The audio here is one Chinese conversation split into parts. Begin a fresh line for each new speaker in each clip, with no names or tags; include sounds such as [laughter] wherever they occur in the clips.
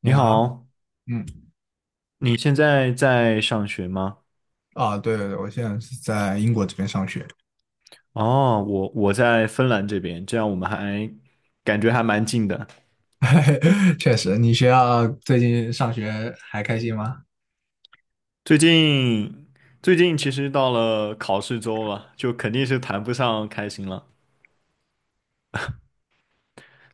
你
你
好，
好，
嗯，
你现在在上学吗？
啊，对对对，我现在是在英国这边上学，
哦，我在芬兰这边，这样我们还感觉还蛮近的。
[laughs] 确实，你学校最近上学还开心吗？
最近最近其实到了考试周了，就肯定是谈不上开心了。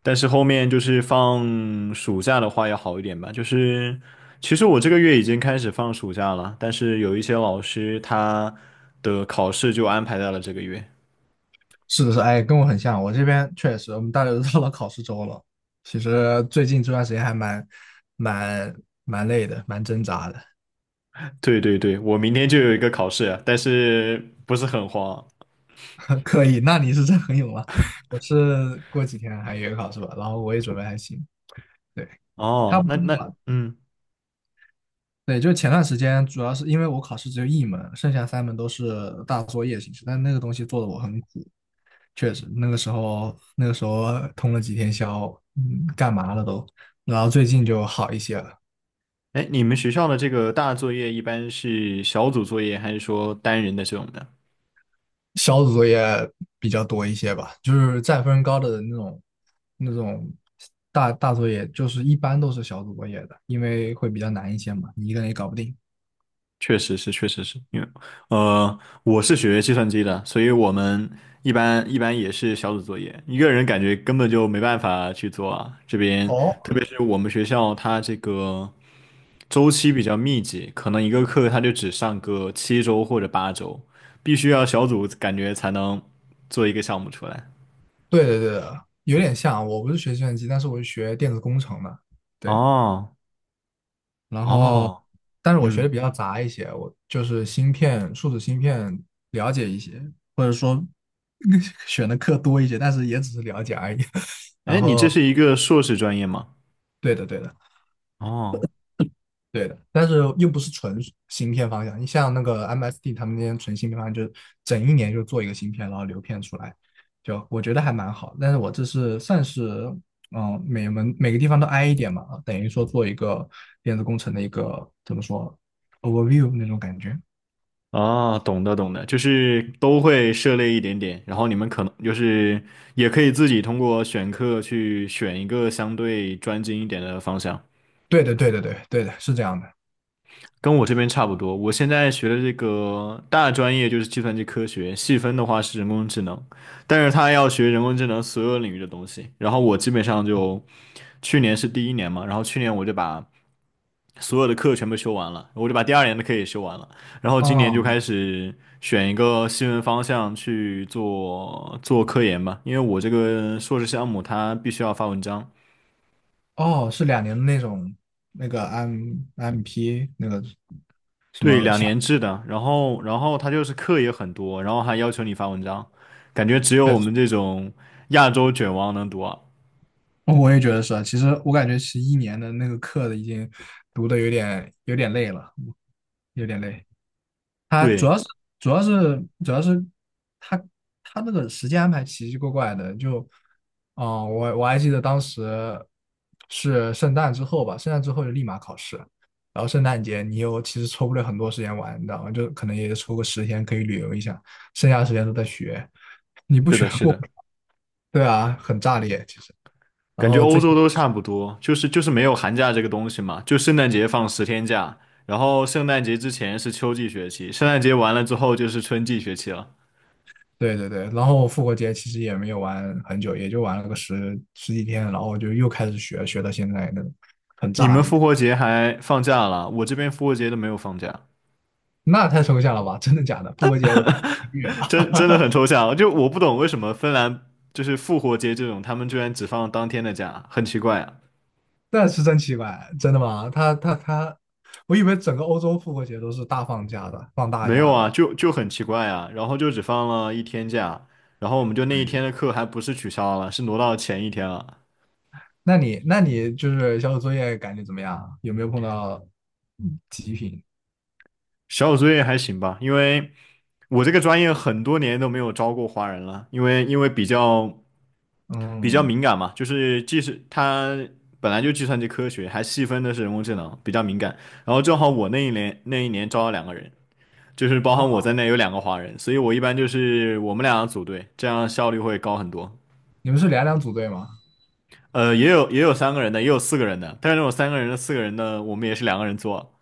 但是后面就是放暑假的话要好一点吧。就是其实我这个月已经开始放暑假了，但是有一些老师他的考试就安排在了这个月。
是的是，哎，跟我很像，我这边确实，我们大家都到了考试周了，其实最近这段时间还蛮蛮累的，蛮挣扎的。
对对对，我明天就有一个考试，但是不是很慌。
[laughs] 可以，那你是真很勇啊，我是过几天还有一个考试吧，然后我也准备还行，对，差
哦，
不多
那那
吧，
嗯，
对，就是前段时间，主要是因为我考试只有一门，剩下三门都是大作业形式，但那个东西做的我很苦，确实，那个时候通了几天宵，干嘛了都，然后最近就好一些了，
哎，你们学校的这个大作业一般是小组作业，还是说单人的这种的？
小组作业比较多一些吧，就是占分高的那种大作业，就是一般都是小组作业的，因为会比较难一些嘛，你一个人也搞不定。
确实是，确实是因为我是学计算机的，所以我们一般也是小组作业，一个人感觉根本就没办法去做啊。这边
哦，
特别是我们学校，它这个周期比较密集，可能一个课它就只上个七周或者八周，必须要小组感觉才能做一个项目出来。
对对对的，有点像，我不是学计算机，但是我是学电子工程的，对。
哦
然后，
哦，
但是我学的
嗯，
比较杂一些，我就是芯片、数字芯片了解一些，或者说 [laughs] 选的课多一些，但是也只是了解而已。[laughs]
哎，
然
你这
后，
是一个硕士专业吗？
对的，对的，
哦，
对的，但是又不是纯芯片方向。你像那个 MSD 他们那些纯芯片方向，就是整一年就做一个芯片，然后流片出来，就我觉得还蛮好。但是我这是算是每门每个地方都挨一点嘛，啊等于说做一个电子工程的一个怎么说 overview 那种感觉。
哦，懂的懂的，就是都会涉猎一点点，然后你们可能就是也可以自己通过选课去选一个相对专精一点的方向，
对的，对的，对，对的，是这样的。
跟我这边差不多。我现在学的这个大专业就是计算机科学，细分的话是人工智能，但是他要学人工智能所有领域的东西，然后我基本上就去年是第一年嘛，然后去年我就把。所有的课全部修完了，我就把第二年的课也修完了，然后今年就
哦，
开始选一个新闻方向去做做科研吧，因为我这个硕士项目它必须要发文章，
哦，是2年的那种那个 MP 那个什
对，
么
两
项，
年制的，然后它就是课也很多，然后还要求你发文章，感觉只有
对，
我们这种亚洲卷王能读啊。
我也觉得是啊。其实我感觉其实一年的那个课已经读的有点累了，有点累。他主
对，
要是主要是主要是他他那个时间安排奇奇怪怪的，就嗯，我还记得当时是圣诞之后吧，圣诞之后就立马考试，然后圣诞节你又其实抽不了很多时间玩，你知道吗？就可能也就抽个10天可以旅游一下，剩下的时间都在学，你不
是
学
的，是
过不
的。
了，[laughs] 对啊，很炸裂其实。然
感觉
后
欧
最
洲都差不多，就是没有寒假这个东西嘛，就圣诞节放十天假，然后圣诞节之前是秋季学期，圣诞节完了之后就是春季学期了。
对对对，然后复活节其实也没有玩很久，也就玩了个十几天，然后就又开始学，学到现在那种很
你
炸
们
裂。
复活节还放假了，我这边复活节都没有放假，
那太抽象了吧？[laughs] 真的假的？复活节我是个月啊，
真的很抽象。就我不懂为什么芬兰就是复活节这种，他们居然只放当天的假，很奇怪啊。
那是真奇怪，真的吗？他他他，我以为整个欧洲复活节都是大放假的，放大
没有
假的。
啊，就很奇怪啊，然后就只放了一天假，然后我们就那一
对，
天的课还不是取消了，是挪到前一天了。
那你就是小组作业感觉怎么样啊？有没有碰到极品？
小组作业还行吧，因为。我这个专业很多年都没有招过华人了，因为比较
嗯，
敏感嘛，就是即使它本来就计算机科学，还细分的是人工智能，比较敏感。然后正好我那一年招了两个人，就是包含我
哦，
在内有两个华人，所以我一般就是我们俩组队，这样效率会高很多。
你们是两两组队吗？
也有也有三个人的，也有四个人的，但是那种三个人的、四个人的，我们也是两个人做。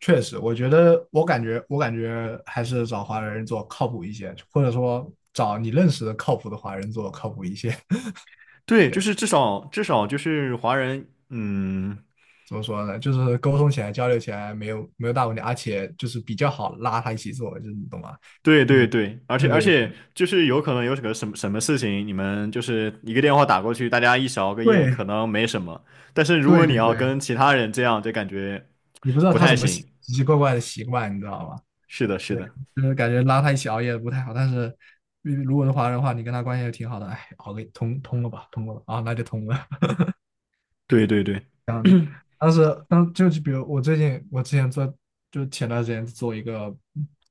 确实，我觉得我感觉还是找华人做靠谱一些，或者说找你认识的靠谱的华人做靠谱一些。[laughs]
对，就
对。
是至少至少就是华人，嗯。
怎么说呢？就是沟通起来、交流起来没有大问题，而且就是比较好拉他一起做，就是你懂吗？
对对
嗯，
对，而且
对
而
对对
且就是有可能有什么什么什么事情，你们就是一个电话打过去，大家一起熬个夜可能没什么，但是如果
对
你
对
要
对对，
跟其他人这样，就感觉
你不知道
不
他什
太
么
行。
奇奇怪怪的习惯，你知道吗？
是的，是
对，
的，
就是感觉拉他一起熬夜不太好，但是如果是华人的话，你跟他关系也挺好的，哎，熬个通通了吧，通过了啊，那就通了。
对对对，[coughs] [clears throat]
当时，当就就比如我最近，我之前做，就前段时间做一个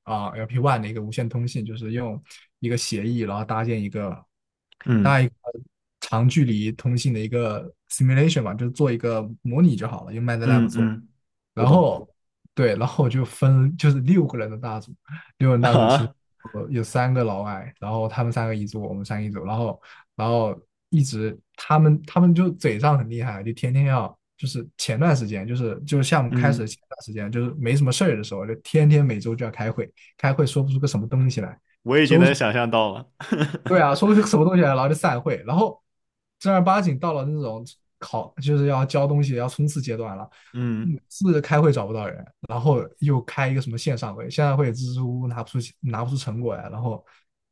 LP One 的一个无线通信，就是用一个协议，然后
嗯
搭一个长距离通信的一个 simulation 嘛，就做一个模拟就好了，用 MATLAB
嗯
做。
嗯，我
然
懂
后对，然后我就是六个人的大组，6人
[laughs]
大组其实
啊，
有3个老外，然后他们三个一组，我们三个一组，然后然后一直他们就嘴上很厉害，就天天要就是前段时间就是项目开始的
嗯，
前段时间就是没什么事儿的时候，就天天每周就要开会，开会说不出个什么东西来，
我已经能想象到了，
对啊，说是什么东西来，然后就散会，然后正儿八经到了那种就是要交东西、要冲刺阶段了，
[laughs]
每
嗯
次开会找不到人，然后又开一个什么线上会，线上会支支吾吾拿不出成果来，然后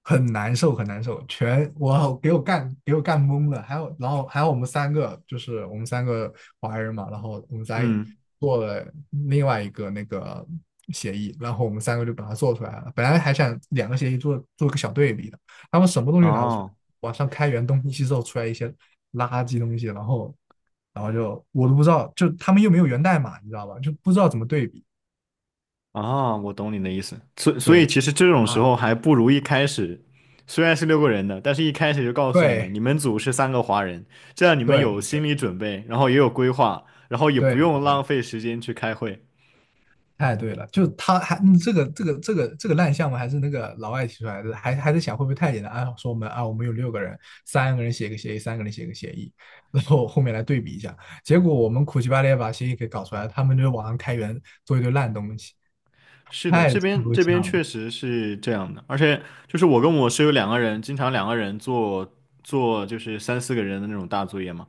很难受，很难受，全我给我干懵了，还有我们三个华人嘛，然后我们仨也
嗯，
做了另外一个那个协议，然后我们三个就把它做出来了，本来还想两个协议做做个小对比。的。他们什么东西拿不出来，
哦。
网上开源东西之后出来一些垃圾东西，然后然后就我都不知道，就他们又没有源代码，你知道吧？就不知道怎么对比。
啊，我懂你的意思。所所以
对
其实这种时
啊，
候还不如一开始，虽然是六个人的，但是一开始就告诉你们，你
对
们组是三个华人，这样你们
对
有心
对
理准备，然后也有规划，然后也
对
不用浪
对，
费时间去开会。
太对了，就他还这个烂项目还是那个老外提出来的，还在想会不会太简单啊？说我们啊，我们有六个人，三个人写个协议，三个人写个协议，然后后面来对比一下，结果我们苦其巴力把协议给搞出来，他们就网上开源做一堆烂东西，
是的，
太
这边
抽
这边
象了。
确实是这样的，而且就是我跟我室友两个人，经常两个人做就是三四个人的那种大作业嘛，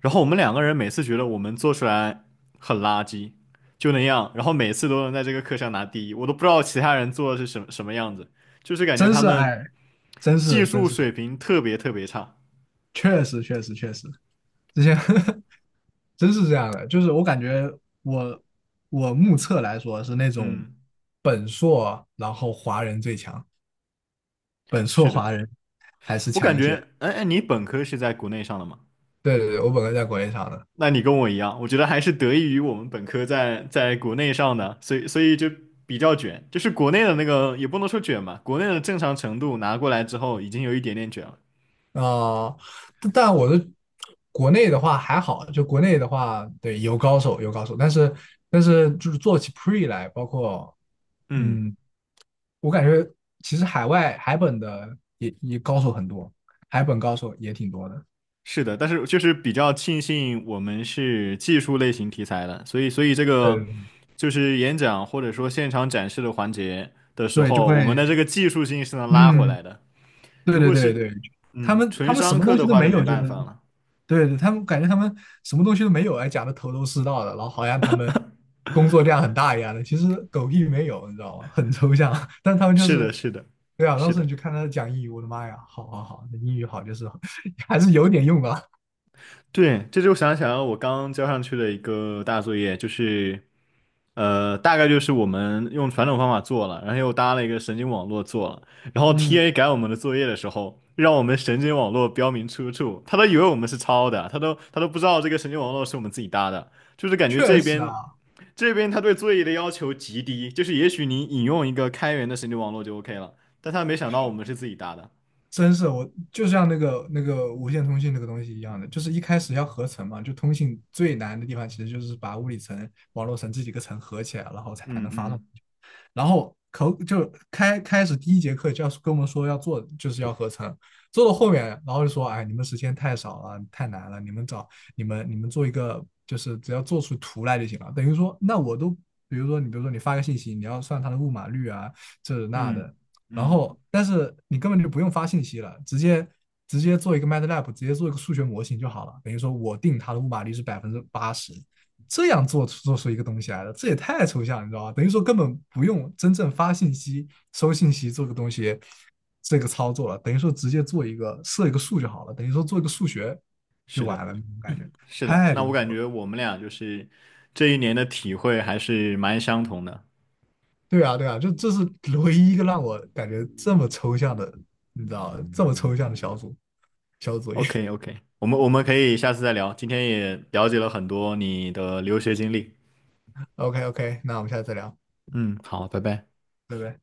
然后我们两个人每次觉得我们做出来很垃圾，就那样，然后每次都能在这个课上拿第一，我都不知道其他人做的是什么什么样子，就是感觉
真
他
是
们
哎，真
技
是真
术
是，
水平特别差。
确实确实确实，之前 [laughs] 真是这样的，就是我感觉我我目测来说是那种
嗯，
本硕，然后华人最强，本硕
是的，
华人还是
我感
强一
觉，
些。
你本科是在国内上的吗？
对对对，我本科在国内上的，
那你跟我一样，我觉得还是得益于我们本科在国内上的，所以就比较卷，就是国内的那个也不能说卷吧，国内的正常程度拿过来之后，已经有一点点卷了。
啊，但我的国内的话还好，就国内的话，对，有高手有高手，但是就是做起 pre 来，包括。
嗯。
嗯，我感觉其实海外海本的也高手很多，海本高手也挺多的。
是的，但是就是比较庆幸我们是技术类型题材的，所以这个
对
就是演讲或者说现场展示的环节的时
对，就
候，我们
会
的这个技术性是能拉回
嗯，
来的。
对
如
对
果
对
是
对，他
嗯
们他
纯
们什
商
么
课
东西
的
都
话，就
没
没
有，就是
办法了。
对对，他们感觉他们什么东西都没有，还讲的头头是道的，然后好像他们工作量很大一样的，其实狗屁没有，你知道吗？很抽象，[laughs] 但他们就
是
是。
的，是的，
对啊，当
是
时你
的。
去看他讲英语，我的妈呀，好好好，那英语好就是 [laughs] 还是有点用的。
对，这就想想我刚交上去的一个大作业，就是，大概就是我们用传统方法做了，然后又搭了一个神经网络做了，然后 TA
嗯，
改我们的作业的时候，让我们神经网络标明出处，他都以为我们是抄的，他都不知道这个神经网络是我们自己搭的，就是感觉
确
这
实啊，
边这边他对作业的要求极低，就是也许你引用一个开源的神经网络就 OK 了，但他没想到我们是自己搭的，
真是我就像那个无线通信那个东西一样的，就是一开始要合成嘛，就通信最难的地方其实就是把物理层、网络层这几个层合起来，然后才
嗯
能发送
嗯
然后口就开开始第一节课就要跟我们说要做，就是要合成。做到后面，然后就说，哎，你们时间太少了，太难了，你们找你们你们做一个，就是只要做出图来就行了。等于说，那我都，比如说你发个信息，你要算它的误码率啊，这那
嗯
的。然
嗯，
后，但是你根本就不用发信息了，直接做一个 MATLAB，直接做一个数学模型就好了。等于说我定它的误码率是80%，这样做出一个东西来的，这也太抽象，你知道吧？等于说根本不用真正发信息、收信息做个东西，这个操作了，等于说直接做一个设一个数就好了，等于说做一个数学就
是的。
完了，那种感觉
是的，
太
那
离
我感
谱了。
觉我们俩就是这一年的体会还是蛮相同的。
对啊，对啊，就这是唯一一个让我感觉这么抽象的，你知道，这么抽象的小组作业。
OK
[laughs]
OK,我们我们可以下次再聊，今天也了解了很多你的留学经历。
OK OK，那我们下次再聊，
嗯，好，拜拜。
拜拜。